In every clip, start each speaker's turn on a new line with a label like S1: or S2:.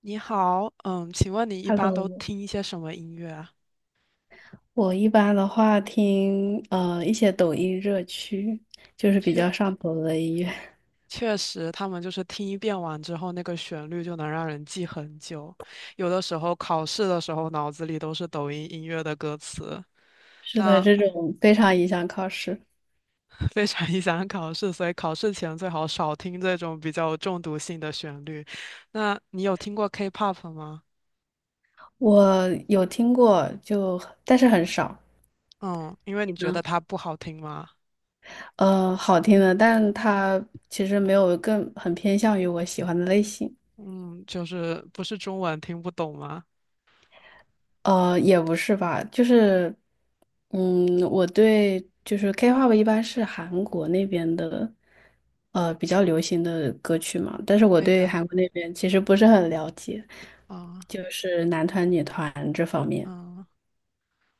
S1: 你好，请问你一般都
S2: Hello，
S1: 听一些什么音乐啊？
S2: 我一般的话听一些抖音热曲，就是比较
S1: 确
S2: 上头的音乐。
S1: 确实，他们就是听一遍完之后，那个旋律就能让人记很久。有的时候考试的时候，脑子里都是抖音音乐的歌词，
S2: 是的，
S1: 那
S2: 这种非常影响考试。
S1: 非常影响考试，所以考试前最好少听这种比较有中毒性的旋律。那你有听过 K-pop 吗？
S2: 我有听过，但是很少。
S1: 嗯，因为你觉得它不好听吗？
S2: 好听的，但它其实没有更很偏向于我喜欢的类型。
S1: 嗯，就是不是中文听不懂吗？
S2: 也不是吧，就是，我对就是 K-pop 一般是韩国那边的，比较流行的歌曲嘛，但是我
S1: 对
S2: 对
S1: 的，
S2: 韩国那边其实不是很了解，
S1: 嗯
S2: 就是男团、女团这方面。
S1: 嗯。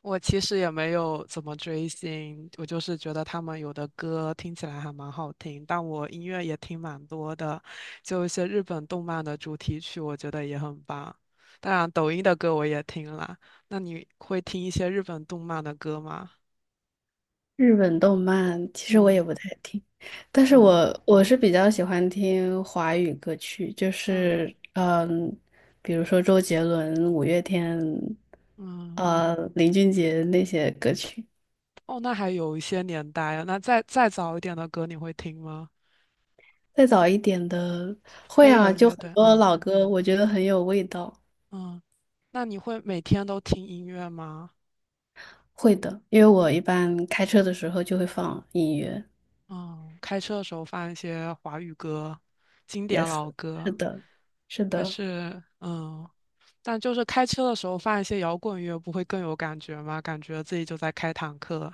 S1: 我其实也没有怎么追星，我就是觉得他们有的歌听起来还蛮好听，但我音乐也听蛮多的，就一些日本动漫的主题曲，我觉得也很棒。当然，抖音的歌我也听了。那你会听一些日本动漫的歌吗？
S2: 日本动漫其实我也
S1: 嗯
S2: 不太听，但是
S1: 嗯
S2: 我是比较喜欢听华语歌曲，就
S1: 嗯
S2: 是比如说周杰伦、五月天，
S1: 嗯，
S2: 林俊杰那些歌曲。
S1: 哦，那还有一些年代啊。那再早一点的歌你会听吗？
S2: 再早一点的会
S1: 飞
S2: 啊，
S1: 儿
S2: 就
S1: 乐
S2: 很
S1: 队，
S2: 多
S1: 嗯
S2: 老歌，我觉得很有味道。
S1: 嗯，那你会每天都听音乐吗？
S2: 会的，因为我一般开车的时候就会放音乐。
S1: 嗯，开车的时候放一些华语歌，经典
S2: Yes，
S1: 老
S2: 是
S1: 歌。
S2: 的，是
S1: 可
S2: 的。
S1: 是，但就是开车的时候放一些摇滚乐，不会更有感觉吗？感觉自己就在开坦克。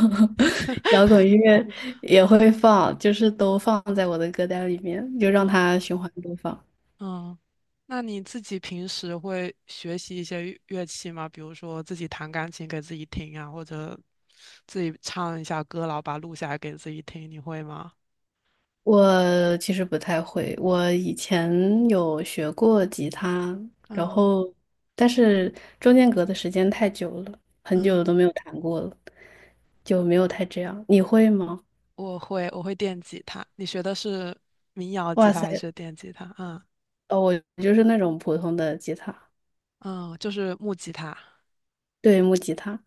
S2: 摇滚乐也会放，就是都放在我的歌单里面，就让
S1: 嗯
S2: 它循环播放。
S1: 嗯，那你自己平时会学习一些乐器吗？比如说自己弹钢琴给自己听啊，或者自己唱一下歌，然后把它录下来给自己听，你会吗？
S2: 我其实不太会，我以前有学过吉他，然
S1: 嗯
S2: 后但是中间隔的时间太久了，很
S1: 嗯，
S2: 久都没有弹过了，就没有太这样。你会吗？
S1: 我会电吉他。你学的是民谣吉
S2: 哇
S1: 他还
S2: 塞，
S1: 是电吉他？嗯
S2: 哦，我就是那种普通的吉他，
S1: 嗯，就是木吉他。
S2: 对，木吉他。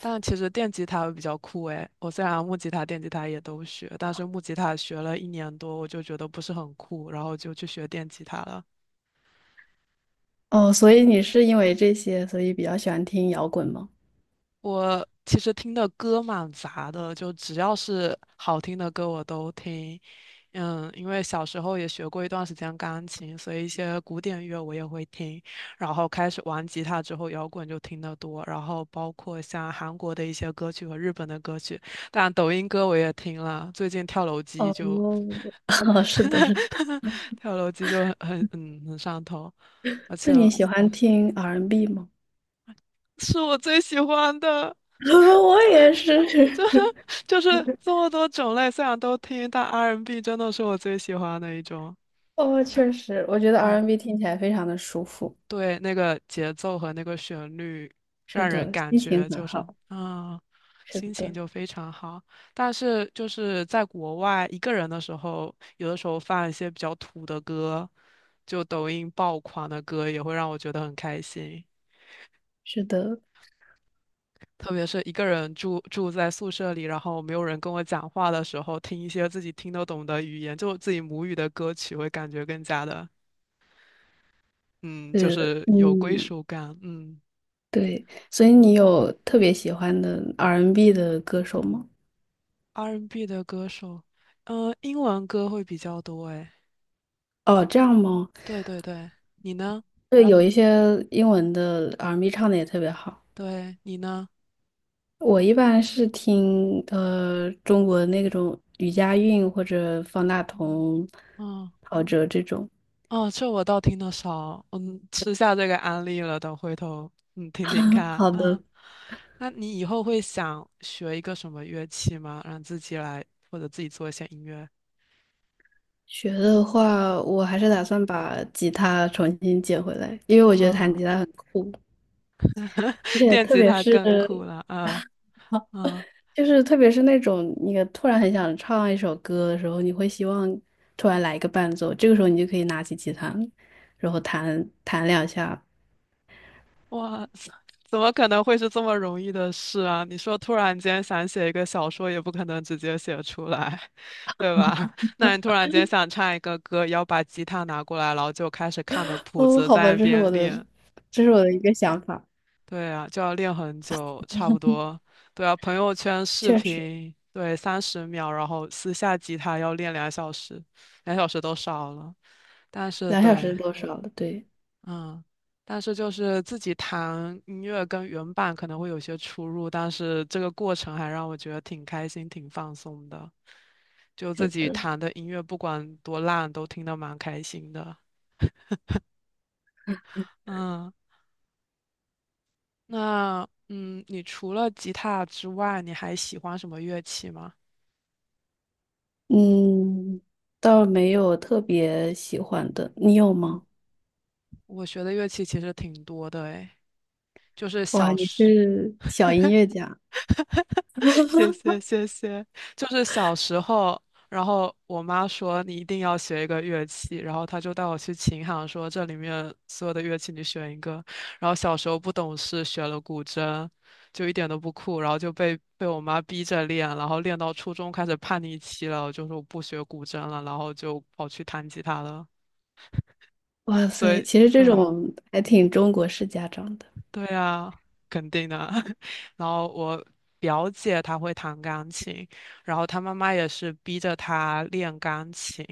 S1: 但其实电吉他比较酷诶，我虽然木吉他、电吉他也都学，但是木吉他学了一年多，我就觉得不是很酷，然后就去学电吉他了。
S2: 哦，所以你是因为这些，所以比较喜欢听摇滚吗？
S1: 我其实听的歌蛮杂的，就只要是好听的歌我都听。嗯，因为小时候也学过一段时间钢琴，所以一些古典乐我也会听。然后开始玩吉他之后，摇滚就听得多。然后包括像韩国的一些歌曲和日本的歌曲，当然抖音歌我也听了。最近跳楼机
S2: 哦，
S1: 就
S2: 是的，是的。
S1: 跳楼机就很上头，而
S2: 那
S1: 且
S2: 你喜欢听 R&B 吗？
S1: 是我最喜欢的。
S2: 我也是。
S1: 就是这么多种类，虽然都听，但 R&B N 真的是我最喜欢的一种。
S2: 哦，确实，我觉得
S1: 对
S2: R&B n 听起来非常的舒服。
S1: 对，那个节奏和那个旋律，
S2: 是
S1: 让人
S2: 的，
S1: 感
S2: 心情
S1: 觉
S2: 很
S1: 就是
S2: 好。是
S1: 心情
S2: 的，
S1: 就非常好。但是就是在国外一个人的时候，有的时候放一些比较土的歌，就抖音爆款的歌，也会让我觉得很开心。
S2: 是的，
S1: 特别是一个人住在宿舍里，然后没有人跟我讲话的时候，听一些自己听得懂的语言，就自己母语的歌曲，会感觉更加的，嗯，就
S2: 是的，
S1: 是有归
S2: 嗯，
S1: 属感。嗯
S2: 对。所以你
S1: 嗯
S2: 有特别喜欢的 R&B n 的歌手吗？
S1: ，R&B 的歌手，英文歌会比较多。诶，
S2: 哦，这样吗？
S1: 对对对，你呢？
S2: 对，有一些英文的 R&B n 唱的也特别好。
S1: 对，你呢？
S2: 我一般是听中国那种吕佳韵或者方大
S1: 嗯
S2: 同、
S1: 嗯。
S2: 陶喆这种。
S1: 哦，这我倒听得少，吃下这个安利了，等回头听听看
S2: 好
S1: 啊。
S2: 的，
S1: 那你以后会想学一个什么乐器吗？让自己来或者自己做一些音乐？
S2: 学的话，我还是打
S1: 嗯
S2: 算把吉他重新捡回来，因为我觉得弹
S1: 嗯，
S2: 吉他很酷，而且
S1: 电吉他更酷了，啊啊！
S2: 特别是那种你突然很想唱一首歌的时候，你会希望突然来一个伴奏，这个时候你就可以拿起吉他，然后弹弹两下。
S1: 哇，怎么可能会是这么容易的事啊？你说突然间想写一个小说，也不可能直接写出来，对吧？那你突然间想唱一个歌，要把吉他拿过来，然后就开始看的谱
S2: 哦，
S1: 子
S2: 好吧，
S1: 在那边练，
S2: 这是我的一个想法，
S1: 对啊，就要练很久，差不多。对啊，朋友圈视
S2: 确实，
S1: 频，对，30秒，然后私下吉他要练两小时，两小时都少了。但是
S2: 两小
S1: 对，
S2: 时多少了，对，
S1: 嗯，但是就是自己弹音乐跟原版可能会有些出入，但是这个过程还让我觉得挺开心、挺放松的。就自
S2: 是
S1: 己
S2: 的，
S1: 弹的音乐，不管多烂，都听得蛮开心的。嗯，那你除了吉他之外，你还喜欢什么乐器吗？
S2: 嗯，倒没有特别喜欢的，你有
S1: 嗯，
S2: 吗？
S1: 我学的乐器其实挺多的诶，就是
S2: 哇，
S1: 小
S2: 你
S1: 时，
S2: 是小音乐家，
S1: 谢谢谢谢，就是小时候，然后我妈说你一定要学一个乐器，然后她就带我去琴行说这里面所有的乐器你选一个，然后小时候不懂事学了古筝，就一点都不酷，然后就被我妈逼着练，然后练到初中开始叛逆期了，我就说我不学古筝了，然后就跑去弹吉他了，
S2: 哇
S1: 所
S2: 塞，
S1: 以
S2: 其实这
S1: 对。
S2: 种还挺中国式家长的，
S1: 对啊，肯定的。然后我表姐她会弹钢琴，然后她妈妈也是逼着她练钢琴，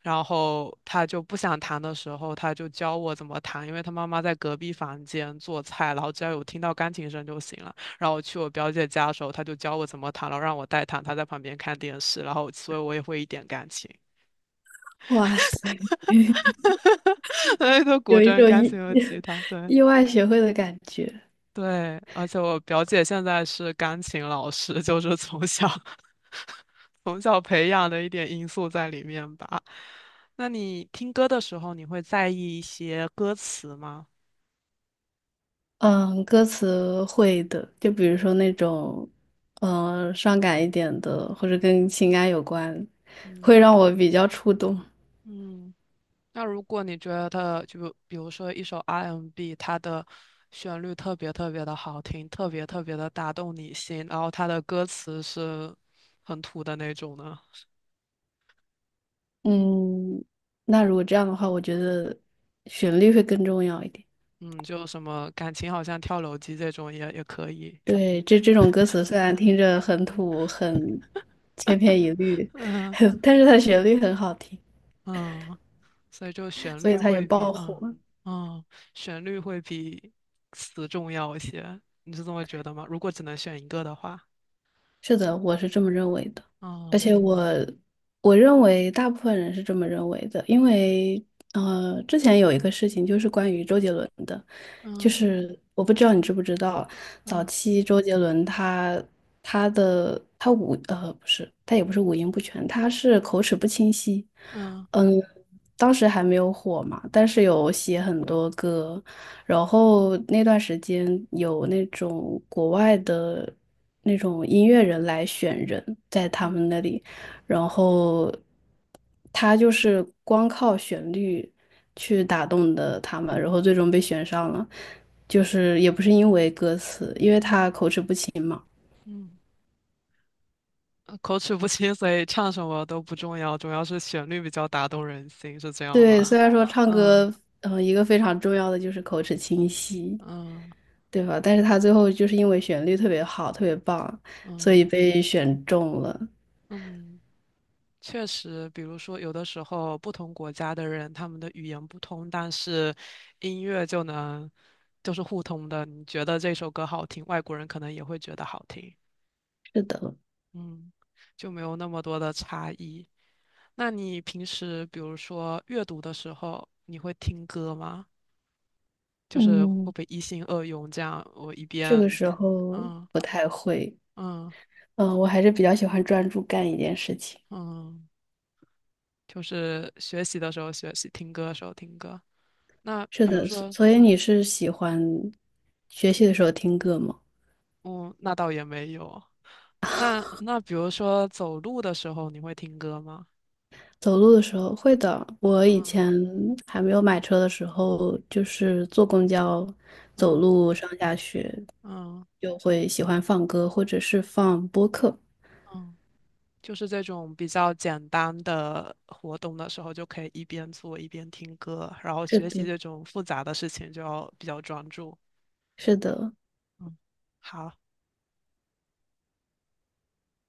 S1: 然后她就不想弹的时候，她就教我怎么弹，因为她妈妈在隔壁房间做菜，然后只要有听到钢琴声就行了。然后我去我表姐家的时候，她就教我怎么弹，然后让我代弹，她在旁边看电视，然后所以我也会一点钢琴，
S2: 哇塞，
S1: 哎都古
S2: 有一
S1: 筝、
S2: 种
S1: 钢琴和吉他，对。
S2: 意外学会的感觉。
S1: 对，而且我表姐现在是钢琴老师，就是从小 从小培养的一点因素在里面吧。那你听歌的时候，你会在意一些歌词吗？
S2: 嗯，歌词会的，就比如说那种，嗯、伤感一点的，或者跟情感有关，会
S1: 嗯
S2: 让我比较触动。
S1: 嗯，那如果你觉得，就比如说一首 R&B，m 它的旋律特别特别的好听，特别特别的打动你心，然后它的歌词是很土的那种呢，
S2: 嗯，那如果这样的话，我觉得旋律会更重要一点。
S1: 嗯，就什么感情好像跳楼机这种也可以，
S2: 对，这种歌词虽然听着很土、很千篇一律，
S1: 嗯。
S2: 但是它旋律很好听，
S1: 嗯，所以就
S2: 所以它也爆火。
S1: 嗯旋律会比词重要一些，你是这么觉得吗？如果只能选一个的话，
S2: 是的，我是这么认为的，而
S1: 嗯
S2: 且我认为大部分人是这么认为的，因为之前有一个事情就是关于周杰伦的，就
S1: 嗯
S2: 是我不知道你知不知道，早
S1: 嗯
S2: 期周杰伦他他的他五呃不是，他也不是五音不全，他是口齿不清晰。
S1: 嗯
S2: 嗯，当时还没有火嘛，但是有写很多歌，然后那段时间有那种国外的那种音乐人来选人，在他
S1: 嗯
S2: 们那里，然后他就是光靠旋律去打动的他们，然后最终被选上了。就是也不是因为歌词，因为他口齿不清嘛。
S1: 嗯，口齿不清，所以唱什么都不重要，主要是旋律比较打动人心，是这样吗？
S2: 对，虽然说 唱
S1: 嗯
S2: 歌，嗯、一个非常重要的就是口齿清晰，
S1: 嗯
S2: 对吧？但是他最后就是因为旋律特别好，特别棒，所
S1: 嗯
S2: 以被选中了。
S1: 嗯，确实，比如说，有的时候不同国家的人，他们的语言不通，但是音乐就能就是互通的。你觉得这首歌好听，外国人可能也会觉得好听，
S2: 是的，
S1: 嗯，就没有那么多的差异。那你平时比如说阅读的时候，你会听歌吗？就是会不
S2: 嗯，
S1: 会一心二用这样？我一
S2: 这个
S1: 边，
S2: 时候
S1: 嗯
S2: 不太会，
S1: 嗯
S2: 嗯、我还是比较喜欢专注干一件事情。
S1: 嗯，就是学习的时候学习，听歌的时候听歌。那
S2: 是
S1: 比如
S2: 的，所
S1: 说，
S2: 所以你是喜欢学习的时候听歌吗？
S1: 哦，那倒也没有。那比如说走路的时候，你会听歌吗？
S2: 走路的时候会的。我以
S1: 嗯
S2: 前还没有买车的时候，就是坐公交、走
S1: 嗯
S2: 路上下学，
S1: 嗯
S2: 就会喜欢放歌，或者是放播客。
S1: 嗯，就是这种比较简单的活动的时候，就可以一边做一边听歌，然后
S2: 是
S1: 学习
S2: 的，
S1: 这种复杂的事情就要比较专注。
S2: 是的。
S1: 嗯，好。